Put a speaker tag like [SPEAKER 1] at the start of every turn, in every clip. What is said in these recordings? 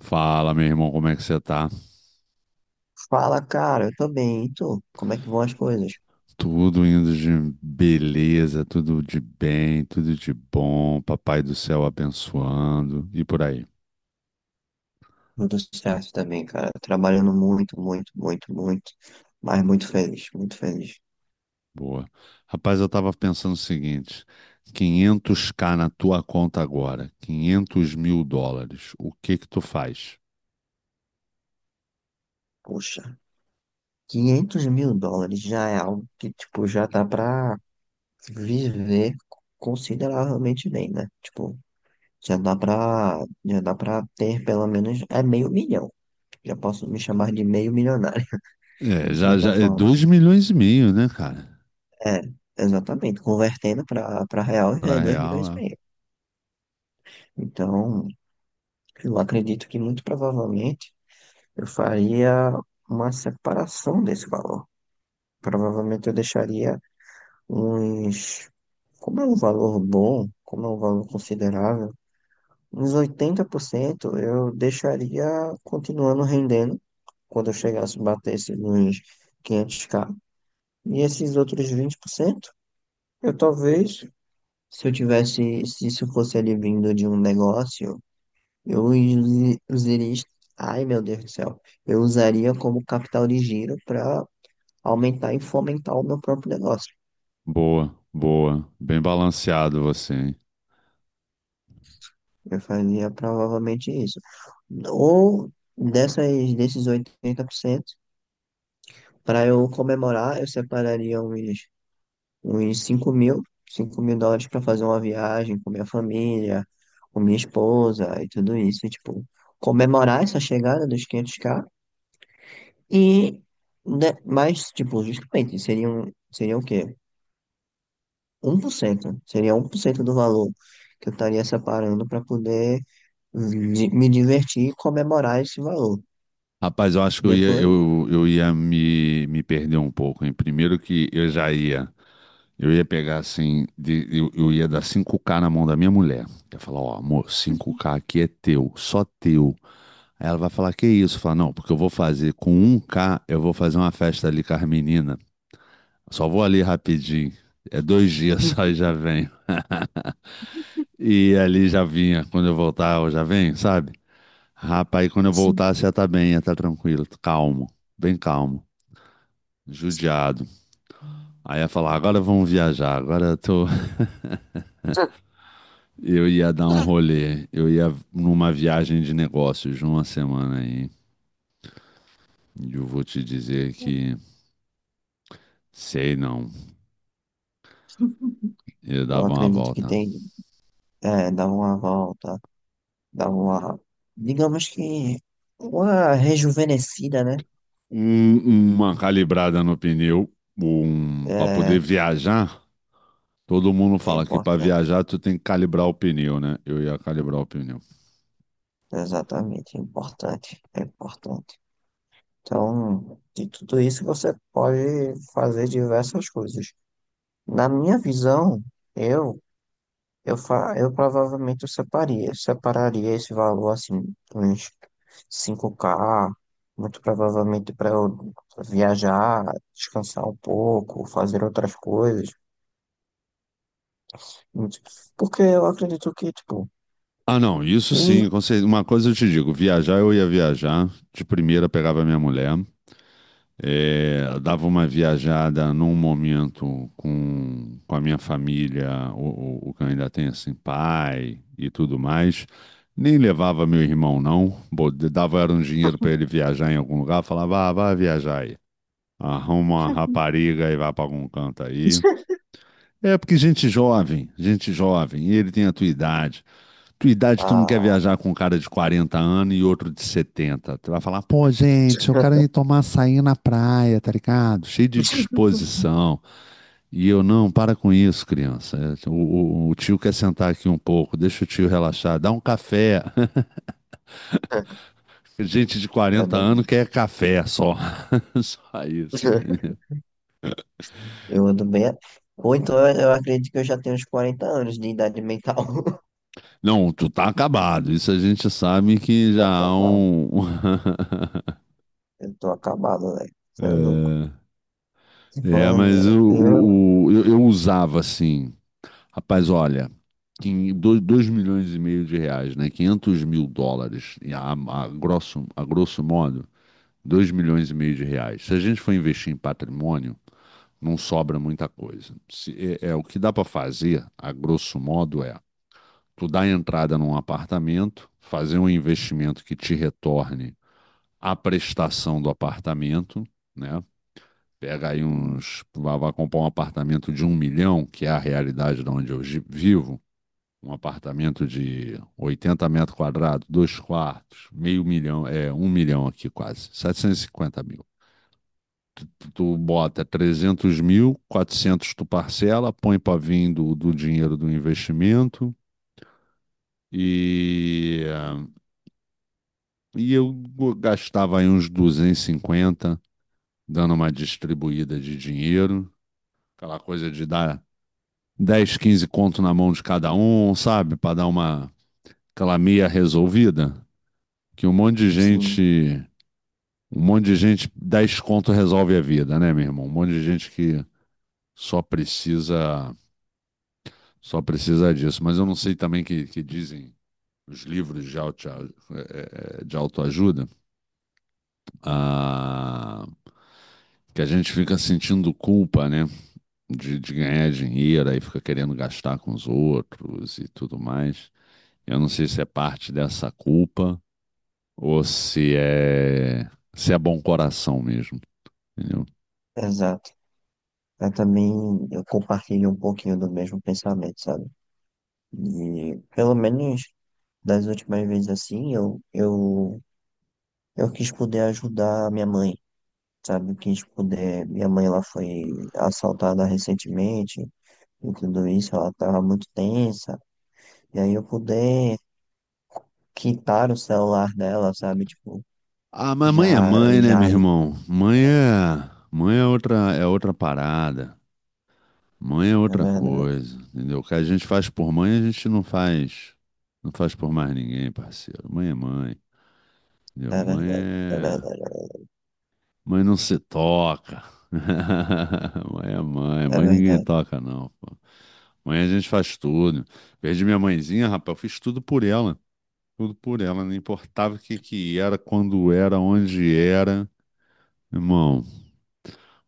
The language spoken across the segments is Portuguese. [SPEAKER 1] Fala, meu irmão, como é que você tá?
[SPEAKER 2] Fala, cara, eu tô bem, e tu? Como é que vão as coisas?
[SPEAKER 1] Tudo indo de beleza, tudo de bem, tudo de bom, papai do céu abençoando e por aí.
[SPEAKER 2] Tudo certo também, cara. Trabalhando muito, muito, muito, muito, mas muito feliz, muito feliz.
[SPEAKER 1] Boa. Rapaz, eu tava pensando o seguinte: quinhentos k na tua conta agora, US$ 500 mil, o que que tu faz?
[SPEAKER 2] Puxa, US$ 500.000 já é algo que, tipo, já dá pra viver consideravelmente bem, né? Tipo, já dá pra, já dá pra ter pelo menos, é meio milhão. Já posso me chamar de meio milionário,
[SPEAKER 1] É,
[SPEAKER 2] de
[SPEAKER 1] já,
[SPEAKER 2] certa
[SPEAKER 1] já, é
[SPEAKER 2] forma.
[SPEAKER 1] 2,5 milhões, né, cara?
[SPEAKER 2] É, exatamente. Convertendo pra real já é
[SPEAKER 1] Pra
[SPEAKER 2] 2
[SPEAKER 1] real,
[SPEAKER 2] milhões e
[SPEAKER 1] é.
[SPEAKER 2] meio. Então, eu acredito que muito provavelmente eu faria uma separação desse valor. Provavelmente eu deixaria uns. Como é um valor bom, como é um valor considerável, uns 80% eu deixaria continuando rendendo quando eu chegasse a bater esses uns 500k. E esses outros 20% eu talvez, se eu tivesse, se isso fosse ali vindo de um negócio. Eu usaria. Ai, meu Deus do céu. Eu usaria como capital de giro para aumentar e fomentar o meu próprio negócio.
[SPEAKER 1] Boa, boa. Bem balanceado você, hein?
[SPEAKER 2] Eu fazia provavelmente isso. Ou dessas, desses 80%, para eu comemorar, eu separaria uns cinco mil dólares para fazer uma viagem com minha família, com minha esposa e tudo isso. E, tipo, comemorar essa chegada dos 500k. E, né, mas, tipo, justamente, seriam o quê? 1%, né? Seria 1% do valor que eu estaria separando para poder me divertir e comemorar esse valor.
[SPEAKER 1] Rapaz, eu acho que eu ia,
[SPEAKER 2] Depois,
[SPEAKER 1] eu, eu ia me perder um pouco, hein? Primeiro que eu já ia, eu ia pegar assim, eu ia dar 5k na mão da minha mulher. Eu ia falar, ó, amor, 5k aqui é teu, só teu. Aí ela vai falar, que isso? Falar, não, porque eu vou fazer com um k eu vou fazer uma festa ali com as meninas. Só vou ali rapidinho. É dois dias só e já venho. E ali já vinha, quando eu voltar, eu já venho, sabe? Rapaz, quando eu voltasse, já tá bem, já tá tranquilo, calmo, bem calmo. Judiado. Aí ia falar, agora vamos viajar, agora eu tô. Eu ia dar um rolê, eu ia numa viagem de negócios de uma semana aí. E eu vou te dizer que sei não. Eu
[SPEAKER 2] eu
[SPEAKER 1] dava uma
[SPEAKER 2] acredito que
[SPEAKER 1] volta.
[SPEAKER 2] tem, é, dar uma volta, dar uma, digamos que, uma rejuvenescida, né?
[SPEAKER 1] Uma calibrada no pneu, para
[SPEAKER 2] É,
[SPEAKER 1] poder viajar. Todo mundo
[SPEAKER 2] é
[SPEAKER 1] fala que para
[SPEAKER 2] importante,
[SPEAKER 1] viajar tu tem que calibrar o pneu, né? Eu ia calibrar o pneu.
[SPEAKER 2] exatamente, é importante, é importante. Então, de tudo isso você pode fazer diversas coisas. Na minha visão, eu eu provavelmente eu separaria esse valor assim, uns 5k, muito provavelmente para eu viajar, descansar um pouco, fazer outras coisas. muito- Porque eu acredito que, tipo,
[SPEAKER 1] Ah, não, isso
[SPEAKER 2] e
[SPEAKER 1] sim, com certeza. Uma coisa eu te digo, viajar eu ia viajar. De primeira pegava minha mulher. É, dava uma viajada num momento com a minha família, o que eu ainda tem assim, pai e tudo mais. Nem levava meu irmão, não. Dava era um dinheiro para ele viajar em algum lugar. Falava, ah, vai viajar aí. Arruma uma rapariga e vai para algum canto aí. É porque gente jovem, e ele tem a tua idade, tu não quer
[SPEAKER 2] ah,
[SPEAKER 1] viajar com um cara de 40 anos e outro de 70? Tu vai falar, pô, gente, eu quero ir tomar açaí na praia, tá ligado? Cheio de disposição. E eu, não, para com isso, criança. O tio quer sentar aqui um pouco, deixa o tio relaxar, dá um café. Gente de 40
[SPEAKER 2] também
[SPEAKER 1] anos quer café só. Só isso, entendeu?
[SPEAKER 2] eu ando bem. Ou então eu acredito que eu já tenho uns 40 anos de idade mental.
[SPEAKER 1] Não, tu tá acabado. Isso a gente sabe que
[SPEAKER 2] Tô
[SPEAKER 1] já há
[SPEAKER 2] acabado,
[SPEAKER 1] um.
[SPEAKER 2] eu tô acabado, velho. Você é louco.
[SPEAKER 1] É,
[SPEAKER 2] Tipo,
[SPEAKER 1] é, mas o,
[SPEAKER 2] eu-
[SPEAKER 1] o- o- eu, eu usava assim. Rapaz, olha, 2,5 milhões de reais, né? US$ 500 mil, e a grosso modo, 2,5 milhões de reais. Se a gente for investir em patrimônio, não sobra muita coisa. É, é, o que dá para fazer, a grosso modo, é tu dar entrada num apartamento, fazer um investimento que te retorne a prestação do apartamento, né? Pega aí uns. Vai comprar um apartamento de 1 milhão, que é a realidade de onde eu vivo um apartamento de 80 metros quadrados, dois quartos, meio milhão, é, 1 milhão aqui quase, 750 mil. Tu, tu bota 300 mil, 400 tu parcela, põe para vir do dinheiro do investimento e, e eu gastava aí uns 250 dando uma distribuída de dinheiro, aquela coisa de dar 10, 15 conto na mão de cada um, sabe? Para dar uma aquela meia resolvida que um monte de
[SPEAKER 2] sim,
[SPEAKER 1] gente. Um monte de gente, 10 conto resolve a vida, né, meu irmão? Um monte de gente que só precisa, só precisa disso. Mas eu não sei também que dizem os livros de autoajuda, ah, que a gente fica sentindo culpa, né, de ganhar dinheiro, aí fica querendo gastar com os outros e tudo mais. Eu não sei se é parte dessa culpa ou se é bom coração mesmo, entendeu?
[SPEAKER 2] Eu também eu compartilho um pouquinho do mesmo pensamento, sabe? E pelo menos das últimas vezes assim, eu quis poder ajudar a minha mãe, sabe? Quis poder. Minha mãe ela foi assaltada recentemente e tudo isso, ela tava muito tensa. E aí eu poder quitar o celular dela, sabe? Tipo,
[SPEAKER 1] Ah, mas
[SPEAKER 2] já,
[SPEAKER 1] mãe é mãe, né,
[SPEAKER 2] já,
[SPEAKER 1] meu irmão? Mãe é outra parada. Mãe é
[SPEAKER 2] é
[SPEAKER 1] outra
[SPEAKER 2] verdade,
[SPEAKER 1] coisa, entendeu? O que a gente faz por mãe, a gente não faz, não faz por mais ninguém, parceiro. Mãe é mãe, entendeu?
[SPEAKER 2] é
[SPEAKER 1] Mãe
[SPEAKER 2] verdade, é
[SPEAKER 1] é,
[SPEAKER 2] verdade,
[SPEAKER 1] mãe não se toca. Mãe é mãe,
[SPEAKER 2] é
[SPEAKER 1] mãe ninguém
[SPEAKER 2] verdade.
[SPEAKER 1] toca não, pô. Mãe a gente faz tudo. Perdi minha mãezinha, rapaz, eu fiz tudo por ela, não importava o que que era, quando era, onde era. Irmão,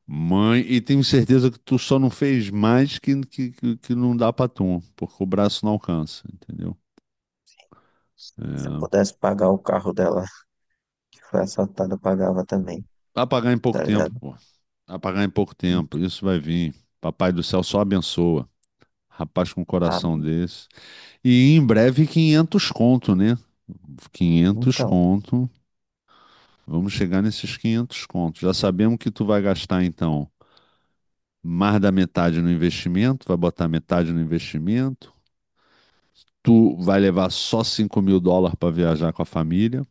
[SPEAKER 1] mãe, e tenho certeza que tu só não fez mais que não dá pra tu, porque o braço não alcança, entendeu?
[SPEAKER 2] Se eu
[SPEAKER 1] É.
[SPEAKER 2] pudesse pagar o carro dela que foi assaltado, eu pagava também.
[SPEAKER 1] Vai pagar em pouco
[SPEAKER 2] Tá
[SPEAKER 1] tempo,
[SPEAKER 2] ligado?
[SPEAKER 1] pô. Vai pagar em pouco tempo, isso vai vir. Papai do céu só abençoa. Rapaz com um
[SPEAKER 2] Ah,
[SPEAKER 1] coração desse. E em breve 500 conto, né? 500
[SPEAKER 2] então,
[SPEAKER 1] conto. Vamos chegar nesses 500 conto. Já sabemos que tu vai gastar, então, mais da metade no investimento, vai botar metade no investimento. Tu vai levar só US$ 5 mil para viajar com a família.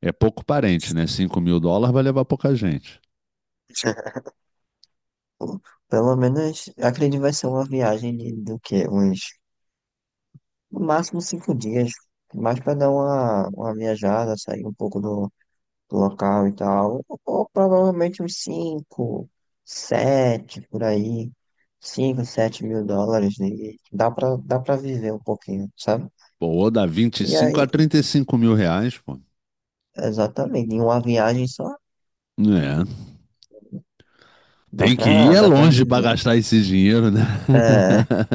[SPEAKER 1] É pouco parente, né? US$ 5 mil vai levar pouca gente.
[SPEAKER 2] pelo menos, acredito que vai ser uma viagem de, do quê? Uns, no máximo 5 dias, mais para dar uma viajada, sair um pouco do local e tal, ou provavelmente uns cinco, sete, por aí, 5 a 7 mil dólares, né? E dá pra viver um pouquinho, sabe?
[SPEAKER 1] Pô, ou dá vinte e
[SPEAKER 2] E
[SPEAKER 1] cinco
[SPEAKER 2] aí,
[SPEAKER 1] a 35 mil reais, pô.
[SPEAKER 2] exatamente, em uma viagem só,
[SPEAKER 1] É,
[SPEAKER 2] dá
[SPEAKER 1] tem que ir
[SPEAKER 2] pra,
[SPEAKER 1] é
[SPEAKER 2] dá pra
[SPEAKER 1] longe para
[SPEAKER 2] viver.
[SPEAKER 1] gastar esse dinheiro, né?
[SPEAKER 2] É, é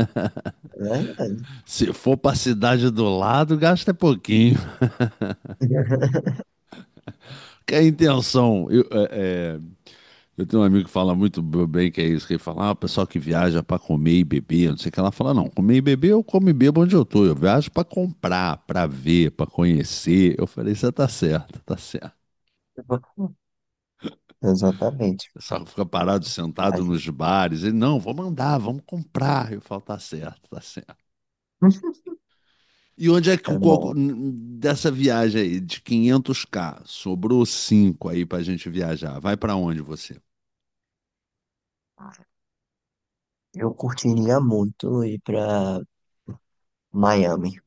[SPEAKER 2] verdade.
[SPEAKER 1] Se for para a cidade do lado, gasta pouquinho. Que a intenção, eu, é, eu tenho um amigo que fala muito bem que é isso, que ele fala, ah, o pessoal que viaja para comer e beber, não sei o que, ela fala, não, comer e beber eu como e bebo onde eu tô, eu viajo para comprar, para ver, para conhecer. Eu falei, você tá certo, tá certo.
[SPEAKER 2] Exatamente.
[SPEAKER 1] O pessoal fica parado,
[SPEAKER 2] A
[SPEAKER 1] sentado
[SPEAKER 2] gente-
[SPEAKER 1] nos bares, ele, não, vamos andar, vamos comprar. Eu falo, tá certo, tá certo. E onde é que
[SPEAKER 2] É
[SPEAKER 1] o coco,
[SPEAKER 2] bom.
[SPEAKER 1] dessa viagem aí, de quinhentos k sobrou 5 aí pra gente viajar, vai para onde você?
[SPEAKER 2] Eu curtiria muito ir pra Miami.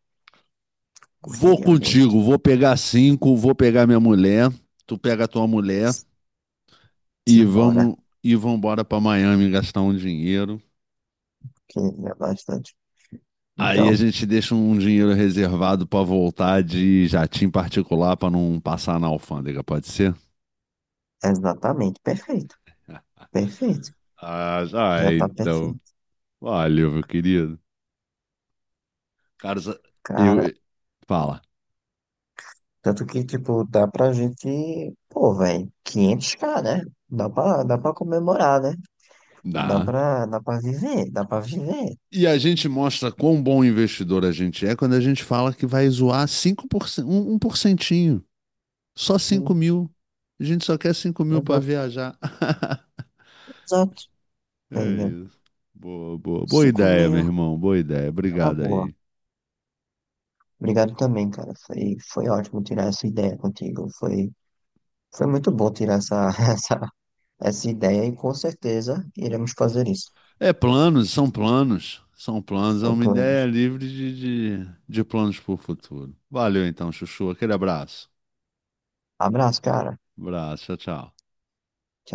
[SPEAKER 1] Vou
[SPEAKER 2] Curtiria muito.
[SPEAKER 1] contigo, vou pegar cinco, vou pegar minha mulher, tu pega a tua mulher e
[SPEAKER 2] Simbora.
[SPEAKER 1] vamos embora para Miami gastar um dinheiro.
[SPEAKER 2] Queria bastante.
[SPEAKER 1] Aí a
[SPEAKER 2] Então,
[SPEAKER 1] gente deixa um dinheiro reservado para voltar de jatinho particular para não passar na alfândega, pode ser?
[SPEAKER 2] exatamente. Perfeito. Perfeito.
[SPEAKER 1] Ah, já
[SPEAKER 2] Já
[SPEAKER 1] é,
[SPEAKER 2] tá
[SPEAKER 1] então.
[SPEAKER 2] perfeito.
[SPEAKER 1] Valeu, meu querido. Cara, eu
[SPEAKER 2] Cara,
[SPEAKER 1] eu- fala.
[SPEAKER 2] tanto que, tipo, dá pra gente. Pô, velho, 500k, né? Dá pra comemorar, né? Dá
[SPEAKER 1] Dá.
[SPEAKER 2] pra, dá pra viver. Dá pra viver.
[SPEAKER 1] E a gente mostra quão bom investidor a gente é quando a gente fala que vai zoar 5%, um por 1%. Só cinco
[SPEAKER 2] Sim.
[SPEAKER 1] mil. A gente só quer 5 mil para
[SPEAKER 2] Exato.
[SPEAKER 1] viajar.
[SPEAKER 2] Exato.
[SPEAKER 1] É
[SPEAKER 2] Tá ligado?
[SPEAKER 1] isso. Boa, boa. Boa
[SPEAKER 2] 5
[SPEAKER 1] ideia, meu
[SPEAKER 2] mil
[SPEAKER 1] irmão. Boa ideia.
[SPEAKER 2] é uma
[SPEAKER 1] Obrigado
[SPEAKER 2] boa.
[SPEAKER 1] aí.
[SPEAKER 2] Obrigado também, cara. Foi ótimo tirar essa ideia contigo. Foi muito bom tirar essa ideia e com certeza iremos fazer isso.
[SPEAKER 1] É planos, são planos. São planos, é
[SPEAKER 2] São
[SPEAKER 1] uma ideia
[SPEAKER 2] planos.
[SPEAKER 1] livre de planos para o futuro. Valeu então, Chuchu. Aquele abraço.
[SPEAKER 2] Abraço, cara.
[SPEAKER 1] Abraço, tchau, tchau.
[SPEAKER 2] Tchau.